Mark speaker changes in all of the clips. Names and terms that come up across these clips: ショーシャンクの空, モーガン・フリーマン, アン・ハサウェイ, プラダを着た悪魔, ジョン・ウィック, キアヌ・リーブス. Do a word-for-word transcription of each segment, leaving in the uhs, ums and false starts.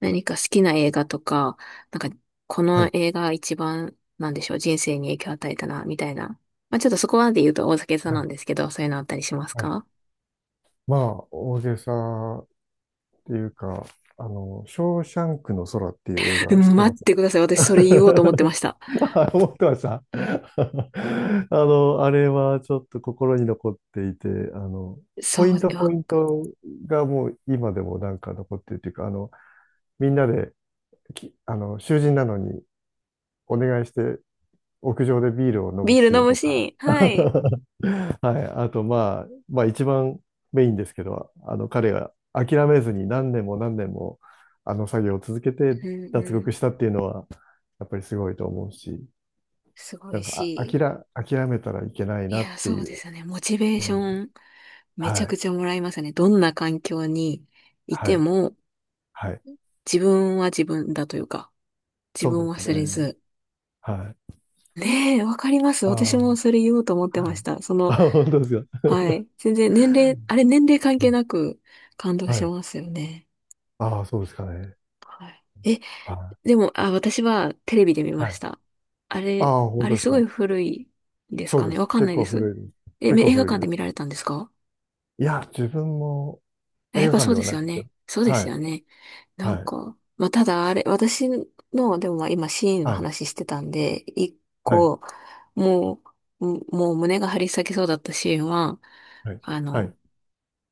Speaker 1: 何か好きな映画とか、なんか、こ
Speaker 2: は
Speaker 1: の
Speaker 2: い。
Speaker 1: 映画一番、なんでしょう、人生に影響を与えたな、みたいな。まあ、ちょっとそこまで言うと大酒さん
Speaker 2: は
Speaker 1: なん
Speaker 2: い。
Speaker 1: ですけど、そういうのあったりします
Speaker 2: はい。
Speaker 1: か？
Speaker 2: まあ、大げさっていうか、あの、ショーシャンクの空っていう映
Speaker 1: う
Speaker 2: 画知っ
Speaker 1: ん、
Speaker 2: て
Speaker 1: 待
Speaker 2: ま
Speaker 1: っ
Speaker 2: す
Speaker 1: てください。私それ言おうと思ってました。
Speaker 2: あ思ってました。あの、あれはちょっと心に残っていて、あの、ポイ
Speaker 1: そう
Speaker 2: ント
Speaker 1: で、
Speaker 2: ポ
Speaker 1: わ
Speaker 2: イン
Speaker 1: か
Speaker 2: トがもう今でもなんか残ってるっていうか、あの、みんなでき、あの、囚人なのにお願いして屋上でビールを飲む
Speaker 1: ビール
Speaker 2: シー
Speaker 1: 飲
Speaker 2: ン
Speaker 1: む
Speaker 2: と
Speaker 1: シ
Speaker 2: か。
Speaker 1: ー ン。はい。
Speaker 2: はい。あと、まあ、まあ、一番メインですけど、あの、彼が諦めずに何年も何年も、あの作業を続けて
Speaker 1: うんう
Speaker 2: 脱
Speaker 1: ん。
Speaker 2: 獄したっていうのは、やっぱりすごいと思うし、
Speaker 1: すご
Speaker 2: な
Speaker 1: い
Speaker 2: んか、あ、諦、
Speaker 1: し。
Speaker 2: 諦めたらいけない
Speaker 1: い
Speaker 2: なっ
Speaker 1: や、
Speaker 2: て
Speaker 1: そ
Speaker 2: い
Speaker 1: うで
Speaker 2: う。
Speaker 1: すよね。モチベー
Speaker 2: う
Speaker 1: ショ
Speaker 2: ん。
Speaker 1: ン、めち
Speaker 2: は
Speaker 1: ゃく
Speaker 2: い。
Speaker 1: ちゃもらいますね。どんな環境にい
Speaker 2: は
Speaker 1: て
Speaker 2: い。
Speaker 1: も、
Speaker 2: はい。
Speaker 1: 自分は自分だというか、自
Speaker 2: そう
Speaker 1: 分
Speaker 2: で
Speaker 1: を
Speaker 2: す
Speaker 1: 忘れ
Speaker 2: ね。
Speaker 1: ず、
Speaker 2: はい。
Speaker 1: ねえ、わかります。
Speaker 2: ああ、
Speaker 1: 私
Speaker 2: は
Speaker 1: もそ
Speaker 2: い。
Speaker 1: れ言おうと思ってました。その、
Speaker 2: あ、本当ですか？
Speaker 1: はい。全然年齢、あれ年齢関係なく感動
Speaker 2: は
Speaker 1: し
Speaker 2: い。
Speaker 1: ますよね。
Speaker 2: ああ、そうですかね。
Speaker 1: はい。え、
Speaker 2: は
Speaker 1: でも、あ、私はテレビで見
Speaker 2: い。
Speaker 1: ま
Speaker 2: は
Speaker 1: し
Speaker 2: い。
Speaker 1: た。あれ、
Speaker 2: ああ、本
Speaker 1: あ
Speaker 2: 当
Speaker 1: れ
Speaker 2: です
Speaker 1: すごい
Speaker 2: か？
Speaker 1: 古いです
Speaker 2: そう
Speaker 1: か
Speaker 2: で
Speaker 1: ね。わ
Speaker 2: す。
Speaker 1: かん
Speaker 2: 結
Speaker 1: ないで
Speaker 2: 構
Speaker 1: す。
Speaker 2: 古いです。
Speaker 1: え、
Speaker 2: 結
Speaker 1: め
Speaker 2: 構
Speaker 1: 映画
Speaker 2: 古い
Speaker 1: 館
Speaker 2: で
Speaker 1: で見
Speaker 2: す。
Speaker 1: られたんですか？
Speaker 2: いや、自分も、
Speaker 1: や
Speaker 2: 映
Speaker 1: っ
Speaker 2: 画
Speaker 1: ぱ
Speaker 2: 館
Speaker 1: そう
Speaker 2: で
Speaker 1: で
Speaker 2: は
Speaker 1: す
Speaker 2: ない
Speaker 1: よ
Speaker 2: です
Speaker 1: ね。
Speaker 2: よ。
Speaker 1: そうで
Speaker 2: は
Speaker 1: す
Speaker 2: い、
Speaker 1: よね。なん
Speaker 2: はい、
Speaker 1: か、まあ、ただあれ、私の、でもまあ今シーンの
Speaker 2: はい、
Speaker 1: 話してたんで、一
Speaker 2: はい、
Speaker 1: 個、もう、ももう胸が張り裂けそうだったシーンは、
Speaker 2: はい、
Speaker 1: あ
Speaker 2: は
Speaker 1: の、
Speaker 2: い、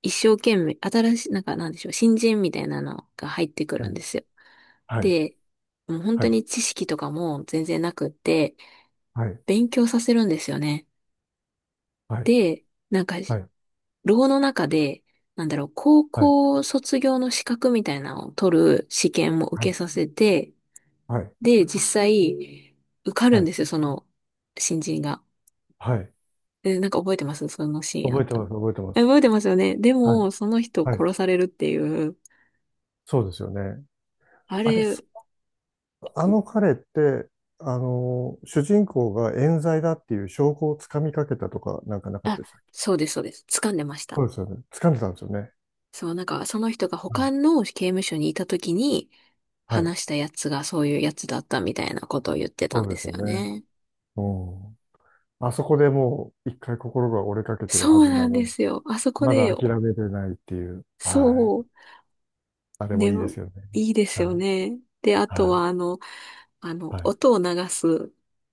Speaker 1: 一生懸命、新しい、なんかなんでしょう、新人みたいなのが入ってくるんですよ。
Speaker 2: はい、
Speaker 1: で、もう本
Speaker 2: は
Speaker 1: 当
Speaker 2: い、
Speaker 1: に知識とかも全然なくって、
Speaker 2: はい、
Speaker 1: 勉強させるんですよね。で、なんか
Speaker 2: はい、
Speaker 1: 牢の中で、なんだろう、高
Speaker 2: はい、
Speaker 1: 校卒業の資格みたいなのを取る試験も
Speaker 2: は
Speaker 1: 受け
Speaker 2: い、
Speaker 1: させて、
Speaker 2: はい、はい、
Speaker 1: で、実際、受かる
Speaker 2: は
Speaker 1: ん
Speaker 2: い、
Speaker 1: ですよ、その、新人が。
Speaker 2: はい、
Speaker 1: え、なんか覚えてますそのシーンあっ
Speaker 2: 覚えて
Speaker 1: た
Speaker 2: ま
Speaker 1: の？
Speaker 2: す、覚えてま
Speaker 1: え
Speaker 2: す。
Speaker 1: 覚えてますよね。で
Speaker 2: はい、
Speaker 1: も、その人を
Speaker 2: はい、
Speaker 1: 殺されるっていう、
Speaker 2: そうですよね。
Speaker 1: あ
Speaker 2: あれ、そ
Speaker 1: れ、
Speaker 2: あの彼って、あの、主人公が冤罪だっていう証拠をつかみかけたとか、なんかなかっ
Speaker 1: あ、
Speaker 2: たでしたっけ？
Speaker 1: そうです、そうです。掴んでました。
Speaker 2: そうですよね。つかんでたんですよね。
Speaker 1: そう、なんか、その人が
Speaker 2: は
Speaker 1: 他
Speaker 2: い、
Speaker 1: の刑務所にいた時に、
Speaker 2: はい、
Speaker 1: 話したやつがそういうやつだったみたいなことを言ってた
Speaker 2: そ
Speaker 1: ん
Speaker 2: う
Speaker 1: で
Speaker 2: です
Speaker 1: す
Speaker 2: よ
Speaker 1: よ
Speaker 2: ね。
Speaker 1: ね。
Speaker 2: うん。あそこでもう一回心が折れかけてる
Speaker 1: そ
Speaker 2: は
Speaker 1: う
Speaker 2: ず
Speaker 1: な
Speaker 2: な
Speaker 1: ん
Speaker 2: の
Speaker 1: で
Speaker 2: に。
Speaker 1: すよ。あそこ
Speaker 2: まだ
Speaker 1: で
Speaker 2: 諦めてないっていう。
Speaker 1: そ
Speaker 2: はい。
Speaker 1: う、
Speaker 2: あれも
Speaker 1: ね、
Speaker 2: いいですよね。
Speaker 1: いいです
Speaker 2: は
Speaker 1: よ
Speaker 2: い。
Speaker 1: ね。で、あと
Speaker 2: は
Speaker 1: は、あの、あの、
Speaker 2: い。
Speaker 1: 音を流す、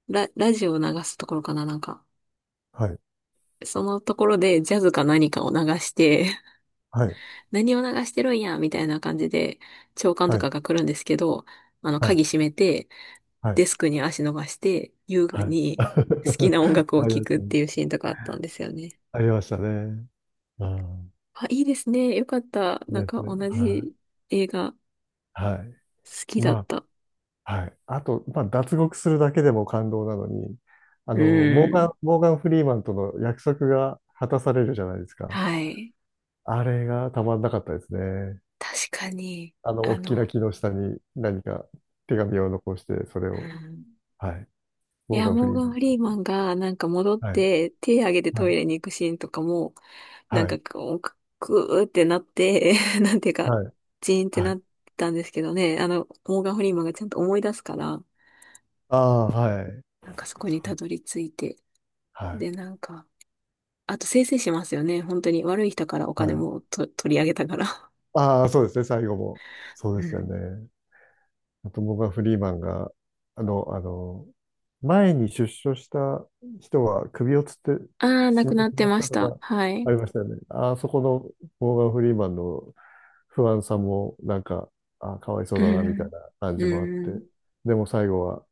Speaker 1: ラ、ラジオを流すところかな、なんか。
Speaker 2: はい。
Speaker 1: そのところでジャズか何かを流して、
Speaker 2: はい。
Speaker 1: 何を流してるんや、みたいな感じで、長官と
Speaker 2: はい。
Speaker 1: かが来るんですけど、あの、
Speaker 2: はい。
Speaker 1: 鍵閉めて、
Speaker 2: はい。は
Speaker 1: デス
Speaker 2: い。
Speaker 1: クに足伸ばして、優雅
Speaker 2: はい。
Speaker 1: に好きな音 楽
Speaker 2: あ
Speaker 1: を
Speaker 2: りま
Speaker 1: 聴
Speaker 2: し
Speaker 1: く
Speaker 2: た
Speaker 1: っ
Speaker 2: ね。
Speaker 1: ていうシーンとかあったんですよね。
Speaker 2: ありましたね。うん。
Speaker 1: あ、いいですね。よかった。なん
Speaker 2: です
Speaker 1: か
Speaker 2: ね。
Speaker 1: 同
Speaker 2: は
Speaker 1: じ映画好
Speaker 2: い。はい。
Speaker 1: きだっ
Speaker 2: ま
Speaker 1: た。
Speaker 2: あ、はい。あと、まあ、脱獄するだけでも感動なのに、あ
Speaker 1: う
Speaker 2: の、モーガ
Speaker 1: ん。
Speaker 2: ン、モーガン・フリーマンとの約束が果たされるじゃないですか。
Speaker 1: はい。
Speaker 2: あれがたまんなかったですね。
Speaker 1: 確かに、
Speaker 2: あの、
Speaker 1: あ
Speaker 2: 大き
Speaker 1: の、
Speaker 2: な木の下に何か手紙を残して、それ
Speaker 1: う
Speaker 2: を、
Speaker 1: ん、
Speaker 2: はい。
Speaker 1: い
Speaker 2: モー
Speaker 1: や、
Speaker 2: ガン・フ
Speaker 1: モ
Speaker 2: リ
Speaker 1: ー
Speaker 2: ー
Speaker 1: ガ
Speaker 2: マ
Speaker 1: ン・
Speaker 2: ン
Speaker 1: フ
Speaker 2: さんっ
Speaker 1: リー
Speaker 2: て。
Speaker 1: マンがなんか戻っ
Speaker 2: はい。
Speaker 1: て手挙げて
Speaker 2: は
Speaker 1: トイ
Speaker 2: い。
Speaker 1: レに行くシーンとかも、なん
Speaker 2: は
Speaker 1: か
Speaker 2: い。
Speaker 1: こう、くくーってなって、なんていうか、
Speaker 2: はい。
Speaker 1: ジーンって
Speaker 2: は
Speaker 1: な
Speaker 2: い。
Speaker 1: ったんですけどね、あの、モーガン・フリーマンがちゃんと思い出すから、
Speaker 2: ああ、はい。
Speaker 1: なんかそこ
Speaker 2: そ
Speaker 1: に
Speaker 2: う
Speaker 1: たどり着いて、
Speaker 2: は
Speaker 1: で、
Speaker 2: い。
Speaker 1: なんか、あと生成しますよね、本当に悪い人からお金
Speaker 2: はい。
Speaker 1: もと取り上げたから。
Speaker 2: ああ、そうですね。最後も。そう
Speaker 1: う
Speaker 2: ですよ
Speaker 1: ん。
Speaker 2: ね。あと、モーガン・フリーマンが、あの、あの、前に出所した人は首をつって
Speaker 1: ああ、な
Speaker 2: 死
Speaker 1: く
Speaker 2: んで
Speaker 1: な
Speaker 2: し
Speaker 1: って
Speaker 2: まっ
Speaker 1: ま
Speaker 2: た
Speaker 1: し
Speaker 2: と
Speaker 1: た。
Speaker 2: か
Speaker 1: は
Speaker 2: あ
Speaker 1: い。
Speaker 2: りましたよね。あそこのモーガン・フリーマンの不安さも、なんか、あ、かわいそう
Speaker 1: う
Speaker 2: だな、みたい
Speaker 1: ん。
Speaker 2: な感
Speaker 1: う
Speaker 2: じもあって。
Speaker 1: ん。
Speaker 2: でも最後は、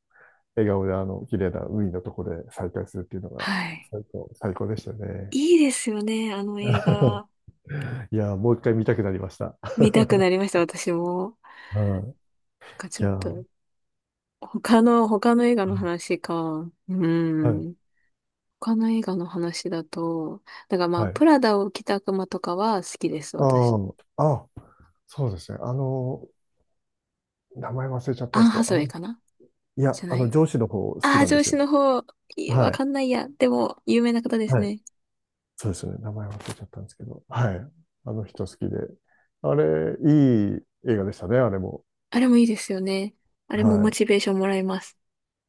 Speaker 2: 笑顔であの、綺麗な海のところで再会するっていうのが、
Speaker 1: はい。
Speaker 2: 最高、最高でしたね。
Speaker 1: いいですよね。あの映画、
Speaker 2: いやー、もう一回見たくなりました。
Speaker 1: 見たくなりました、私も。
Speaker 2: はい。
Speaker 1: なんかち
Speaker 2: い
Speaker 1: ょっ
Speaker 2: やー、
Speaker 1: と、他の、他の映画の話か。う
Speaker 2: はい、
Speaker 1: ん。他の映画の話だと、だからまあ、
Speaker 2: はい。
Speaker 1: プラダを着た悪魔とかは好きです、
Speaker 2: あ
Speaker 1: 私。
Speaker 2: あ、あ、そうですね。あの、名前忘れちゃった
Speaker 1: ア
Speaker 2: んで
Speaker 1: ン・
Speaker 2: すけ
Speaker 1: ハ
Speaker 2: ど、あ
Speaker 1: サウェイ
Speaker 2: の、
Speaker 1: かな？
Speaker 2: いや、
Speaker 1: じゃ
Speaker 2: あ
Speaker 1: な
Speaker 2: の、
Speaker 1: い？
Speaker 2: 上司の方好き
Speaker 1: ああー、
Speaker 2: なんで
Speaker 1: 上
Speaker 2: す
Speaker 1: 司
Speaker 2: よ。
Speaker 1: の方、いや
Speaker 2: は
Speaker 1: わ
Speaker 2: い、
Speaker 1: かんないや。でも、有名な方です
Speaker 2: はい。
Speaker 1: ね。
Speaker 2: そうですよね。名前忘れちゃったんですけど、はい。あの人好きで。あれ、いい映画でしたね、あれも。
Speaker 1: あれもいいですよね。あれもモ
Speaker 2: はい。
Speaker 1: チベーションもらえます。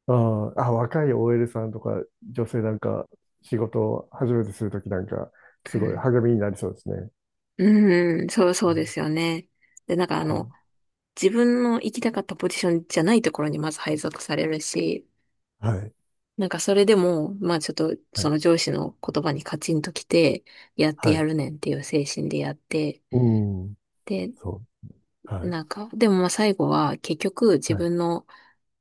Speaker 2: あーあ、若い オーエル さんとか女性なんか仕事を初めてするときなんかす
Speaker 1: う
Speaker 2: ごい
Speaker 1: ん、
Speaker 2: 励みになりそうですね。
Speaker 1: うん、そう、そうですよね。で、なんかあ
Speaker 2: は
Speaker 1: の、自分の行きたかったポジションじゃないところにまず配属されるし、
Speaker 2: はい。
Speaker 1: なんかそれでも、まあちょっと
Speaker 2: は
Speaker 1: そ
Speaker 2: い。
Speaker 1: の上司の言葉にカチンときて、やって
Speaker 2: は
Speaker 1: や
Speaker 2: い。
Speaker 1: るねんっていう精神でやって、
Speaker 2: うん。
Speaker 1: で、
Speaker 2: そう。はい。
Speaker 1: なんか、でもまあ最後は結局自
Speaker 2: はい。
Speaker 1: 分の、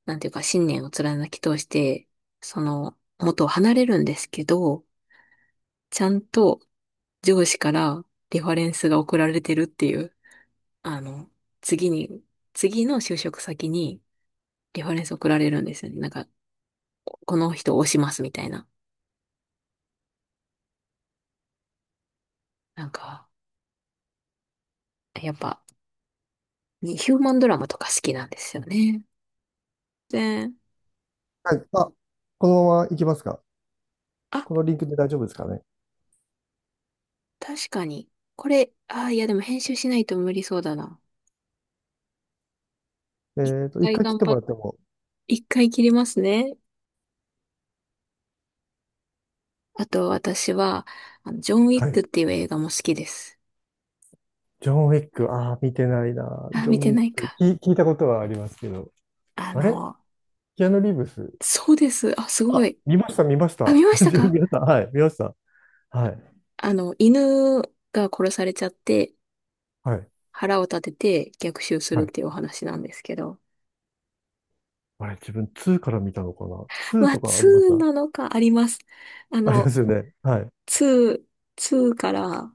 Speaker 1: なんていうか信念を貫き通して、その元を離れるんですけど、ちゃんと上司からリファレンスが送られてるっていう、あの、次に、次の就職先にリファレンス送られるんですよね。なんか、この人を推しますみたいな。なんか、やっぱ、にヒューマンドラマとか好きなんですよね。で、
Speaker 2: はい。あ、このまま行きますか？
Speaker 1: あ、
Speaker 2: このリンクで大丈夫ですかね？
Speaker 1: 確かに。これ、あー、いやでも編集しないと無理そうだな。一
Speaker 2: えっと、一
Speaker 1: 回
Speaker 2: 回切っ
Speaker 1: 頑
Speaker 2: て
Speaker 1: 張
Speaker 2: も
Speaker 1: っ、
Speaker 2: らっても。
Speaker 1: 一回切りますね。あと私は、あのジョン・ウィ
Speaker 2: は
Speaker 1: ッ
Speaker 2: い。
Speaker 1: クっていう映画も好きです。
Speaker 2: ジョン・ウィック、ああ、見てないな。
Speaker 1: あー、
Speaker 2: ジョン・
Speaker 1: 見て
Speaker 2: ウィッ
Speaker 1: ない
Speaker 2: ク、
Speaker 1: か。
Speaker 2: 聞、聞いたことはありますけど。
Speaker 1: あ
Speaker 2: あれ
Speaker 1: の、
Speaker 2: キアヌ・リーブス。
Speaker 1: そうです。あ、すご
Speaker 2: あ、
Speaker 1: い。
Speaker 2: 見ました、見まし
Speaker 1: あ、
Speaker 2: た。
Speaker 1: 見まし た
Speaker 2: ジョン・ウ
Speaker 1: か？
Speaker 2: ィックはい、見ました。はい。
Speaker 1: あの、犬が殺されちゃって、
Speaker 2: はい。
Speaker 1: 腹を立てて逆襲する
Speaker 2: は
Speaker 1: っ
Speaker 2: い。
Speaker 1: ていうお話なんですけど。
Speaker 2: あれ、自分ツーから見たのかな ?ツー
Speaker 1: は
Speaker 2: とかありまし
Speaker 1: に
Speaker 2: た
Speaker 1: なのかあります。あ
Speaker 2: あり
Speaker 1: の、
Speaker 2: ま
Speaker 1: に、
Speaker 2: すよね。はい。
Speaker 1: ツーから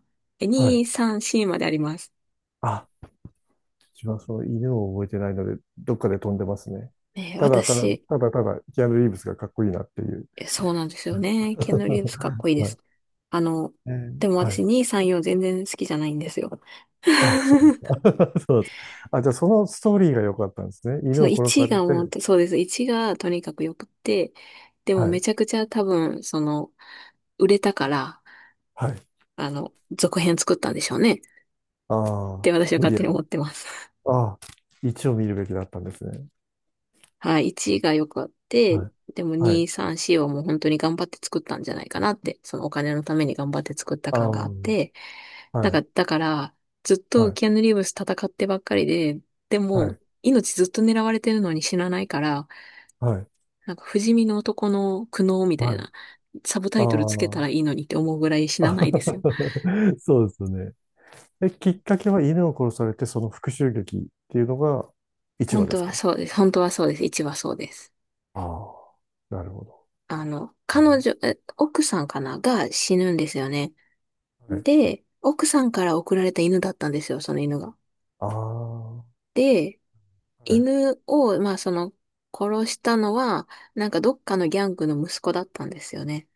Speaker 2: は
Speaker 1: に、
Speaker 2: い。
Speaker 1: さん、C まであります。
Speaker 2: あ、自分はその犬を覚えてないので、どっかで飛んでますね。
Speaker 1: えー
Speaker 2: ただ、ただ、
Speaker 1: 私、
Speaker 2: ただ、ただ、キアヌ・リーブスがかっこいいなっていう。
Speaker 1: えそうなんですよね。キアヌ・リーブスかっこいい で
Speaker 2: は
Speaker 1: す。
Speaker 2: い。
Speaker 1: あの、
Speaker 2: えー
Speaker 1: でも
Speaker 2: は
Speaker 1: 私
Speaker 2: い。
Speaker 1: に、さん、よん全然好きじゃないんですよ。
Speaker 2: あ、そうで すか？そうです。あ、じゃあそのストーリーが良かったんですね。
Speaker 1: そ
Speaker 2: 犬
Speaker 1: の
Speaker 2: を殺
Speaker 1: いち
Speaker 2: され
Speaker 1: がもう、
Speaker 2: て、
Speaker 1: そうです。いちがとにかく良くって、でも
Speaker 2: は
Speaker 1: め
Speaker 2: い。
Speaker 1: ちゃくちゃ多分、その、売れたから、
Speaker 2: はい。
Speaker 1: あの、続編作ったんでしょうね。っ
Speaker 2: あ
Speaker 1: て
Speaker 2: あ、
Speaker 1: 私は
Speaker 2: 無
Speaker 1: 勝
Speaker 2: 理や
Speaker 1: 手に
Speaker 2: り。
Speaker 1: 思ってます。
Speaker 2: ああ、いちをみるべきだったんですね。
Speaker 1: はい、いちが良くあって、
Speaker 2: はい。
Speaker 1: でも
Speaker 2: は
Speaker 1: に、
Speaker 2: い。
Speaker 1: さん、よんをもう本当に頑張って作ったんじゃないかなって、そのお金のために頑張って作った感
Speaker 2: あ
Speaker 1: があっ
Speaker 2: あ、
Speaker 1: て、
Speaker 2: は
Speaker 1: だか
Speaker 2: い。
Speaker 1: ら、だから、ずっ
Speaker 2: は
Speaker 1: と
Speaker 2: い。
Speaker 1: キアヌ・リーブス戦ってばっかりで、で
Speaker 2: は
Speaker 1: も、
Speaker 2: い。
Speaker 1: 命ずっと狙われてるのに死なないから、
Speaker 2: はい。
Speaker 1: なんか不死身の男の苦悩みた
Speaker 2: は
Speaker 1: い
Speaker 2: い。
Speaker 1: な、サブタ
Speaker 2: あ
Speaker 1: イトルつけた
Speaker 2: あ。
Speaker 1: らいいのにって思うぐらい死な
Speaker 2: あ
Speaker 1: ないですよ。
Speaker 2: そうですよね。え、きっかけは犬を殺されて、その復讐劇っていうのがいちわ
Speaker 1: 本
Speaker 2: で
Speaker 1: 当
Speaker 2: す
Speaker 1: は
Speaker 2: か？
Speaker 1: そうです。本当はそうです。いちはそうです。
Speaker 2: ああなるほど。
Speaker 1: あの、
Speaker 2: う
Speaker 1: 彼
Speaker 2: ん
Speaker 1: 女、え奥さんかなが死ぬんですよね。
Speaker 2: はい。
Speaker 1: で、奥さんから送られた犬だったんですよ、その犬が。
Speaker 2: ああ、は
Speaker 1: で、
Speaker 2: い、
Speaker 1: 犬を、まあその、殺したのは、なんかどっかのギャングの息子だったんですよね。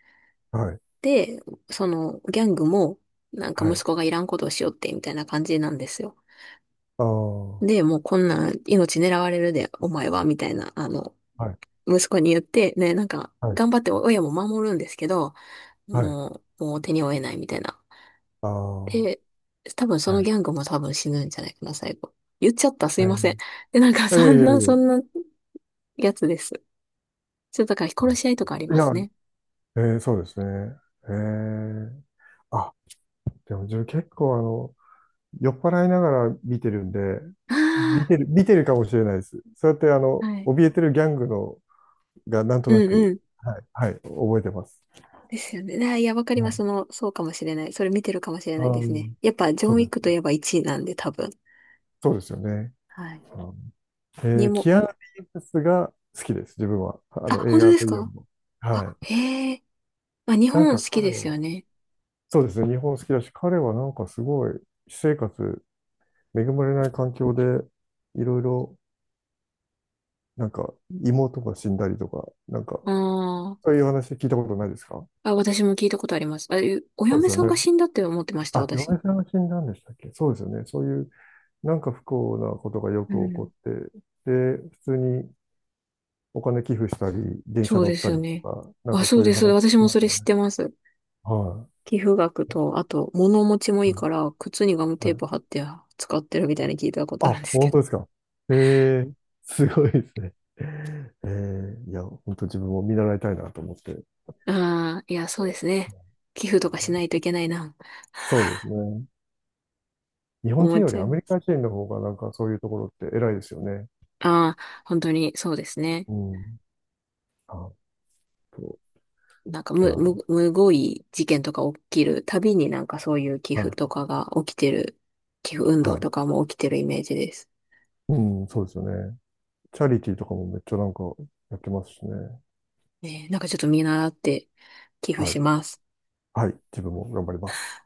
Speaker 2: はい、
Speaker 1: で、その、ギャングも、なんか
Speaker 2: は
Speaker 1: 息
Speaker 2: い。
Speaker 1: 子がいらんことをしよって、みたいな感じなんですよ。
Speaker 2: ああ、は
Speaker 1: で、もうこんなん命狙われるで、お前は、みたいな、あの、
Speaker 2: い、
Speaker 1: 息子に言って、ね、なんか、
Speaker 2: はい、
Speaker 1: 頑張って親も守るんですけど、
Speaker 2: はい。
Speaker 1: もう、もう手に負えないみたいな
Speaker 2: ああ、は
Speaker 1: で、多分そ
Speaker 2: い。
Speaker 1: のギャングも多分死ぬんじゃないかな、最後。言っちゃった、す
Speaker 2: え
Speaker 1: いません。
Speaker 2: ー、
Speaker 1: で、なんか
Speaker 2: いやい
Speaker 1: そ
Speaker 2: や
Speaker 1: ん
Speaker 2: いや
Speaker 1: な、
Speaker 2: いや、
Speaker 1: そんなやつです。ちょっとだから殺し合いとかあり
Speaker 2: い
Speaker 1: ま
Speaker 2: や、
Speaker 1: すね。
Speaker 2: えーそうですね。えー、あ、でも自分結構あの、酔っ払いながら見てるんで、見
Speaker 1: あ
Speaker 2: てる、見てるかもしれないです。そうやってあ
Speaker 1: あ、
Speaker 2: の、
Speaker 1: はい。
Speaker 2: 怯えてるギャングのがなんと
Speaker 1: う
Speaker 2: な
Speaker 1: んう
Speaker 2: く、
Speaker 1: ん。
Speaker 2: はい、はい、覚えてます。
Speaker 1: ですよね。あーいや、わかり
Speaker 2: は
Speaker 1: ます。
Speaker 2: い。
Speaker 1: その、そうかもしれない。それ見てるかもしれ
Speaker 2: あ
Speaker 1: ないですね。
Speaker 2: ー
Speaker 1: やっぱ、ジョン・
Speaker 2: そ
Speaker 1: ウ
Speaker 2: う
Speaker 1: ィ
Speaker 2: で
Speaker 1: ックと
Speaker 2: す。
Speaker 1: いえばいちいなんで、多分。
Speaker 2: そうですよね。
Speaker 1: はい。
Speaker 2: うん、
Speaker 1: に
Speaker 2: えー、
Speaker 1: も、
Speaker 2: キアラ・リーブスが好きです、自分は。あ
Speaker 1: あ、
Speaker 2: の、映
Speaker 1: 本当
Speaker 2: 画
Speaker 1: です
Speaker 2: というより
Speaker 1: か？
Speaker 2: も。は
Speaker 1: あ、
Speaker 2: い。
Speaker 1: へえ。まあ、日
Speaker 2: なん
Speaker 1: 本
Speaker 2: か
Speaker 1: 好き
Speaker 2: 彼
Speaker 1: ですよ
Speaker 2: は、
Speaker 1: ね。
Speaker 2: そうですね、日本好きだし、彼はなんかすごい、私生活、恵まれない環境で、いろいろ、なんか、妹が死んだりとか、なんか、
Speaker 1: あー
Speaker 2: そういう話聞いたことないですか？
Speaker 1: あ、私も聞いたことあります。あ、えお
Speaker 2: そうで
Speaker 1: 嫁
Speaker 2: すよ
Speaker 1: さんが
Speaker 2: ね。
Speaker 1: 死んだって思ってました、
Speaker 2: あ、
Speaker 1: 私。
Speaker 2: 嫁さんが死んだんでしたっけ？そうですよね。そういうなんか不幸なことがよ
Speaker 1: う
Speaker 2: く起こ
Speaker 1: ん。
Speaker 2: って、で、普通にお金寄付したり、電
Speaker 1: そ
Speaker 2: 車
Speaker 1: う
Speaker 2: 乗
Speaker 1: で
Speaker 2: っ
Speaker 1: す
Speaker 2: た
Speaker 1: よ
Speaker 2: りと
Speaker 1: ね。
Speaker 2: か、なん
Speaker 1: あ、
Speaker 2: か
Speaker 1: そ
Speaker 2: そ
Speaker 1: う
Speaker 2: うい
Speaker 1: で
Speaker 2: う
Speaker 1: す。
Speaker 2: 話し
Speaker 1: 私
Speaker 2: て
Speaker 1: も
Speaker 2: ま
Speaker 1: そ
Speaker 2: す
Speaker 1: れ知っ
Speaker 2: ね。
Speaker 1: てます。
Speaker 2: は
Speaker 1: 寄付額
Speaker 2: い。
Speaker 1: と、あと、物持ちもいい
Speaker 2: は
Speaker 1: から、靴にガム
Speaker 2: い
Speaker 1: テー
Speaker 2: はい
Speaker 1: プ貼って使ってるみたいに聞いたことあるん
Speaker 2: あ、
Speaker 1: ですけ
Speaker 2: 本当ですか？えーすごいですね。えーいや、本当自分も見習いたいなと思って。
Speaker 1: ど。ああ、いや、そうですね。寄付
Speaker 2: は
Speaker 1: とかしな
Speaker 2: い、
Speaker 1: いといけないな、
Speaker 2: そうですね。日 本
Speaker 1: 思
Speaker 2: 人
Speaker 1: っ
Speaker 2: よ
Speaker 1: ち
Speaker 2: り
Speaker 1: ゃい
Speaker 2: ア
Speaker 1: ま
Speaker 2: メリ
Speaker 1: す。
Speaker 2: カ人の方がなんかそういうところって偉いですよね。
Speaker 1: ああ、本当にそうですね。
Speaker 2: うん。あと、
Speaker 1: なんか、
Speaker 2: い
Speaker 1: む、
Speaker 2: や、
Speaker 1: む、むごい事件とか起きるたびになんかそういう寄
Speaker 2: は
Speaker 1: 付
Speaker 2: い、
Speaker 1: とかが起きてる、寄付運動
Speaker 2: は
Speaker 1: と
Speaker 2: い。
Speaker 1: かも起きてるイメージです。
Speaker 2: うん、そうですよね。チャリティーとかもめっちゃなんかやってますしね。
Speaker 1: ね、なんかちょっと見習って寄付
Speaker 2: は
Speaker 1: し
Speaker 2: い。
Speaker 1: ます。
Speaker 2: はい。自分も頑張ります。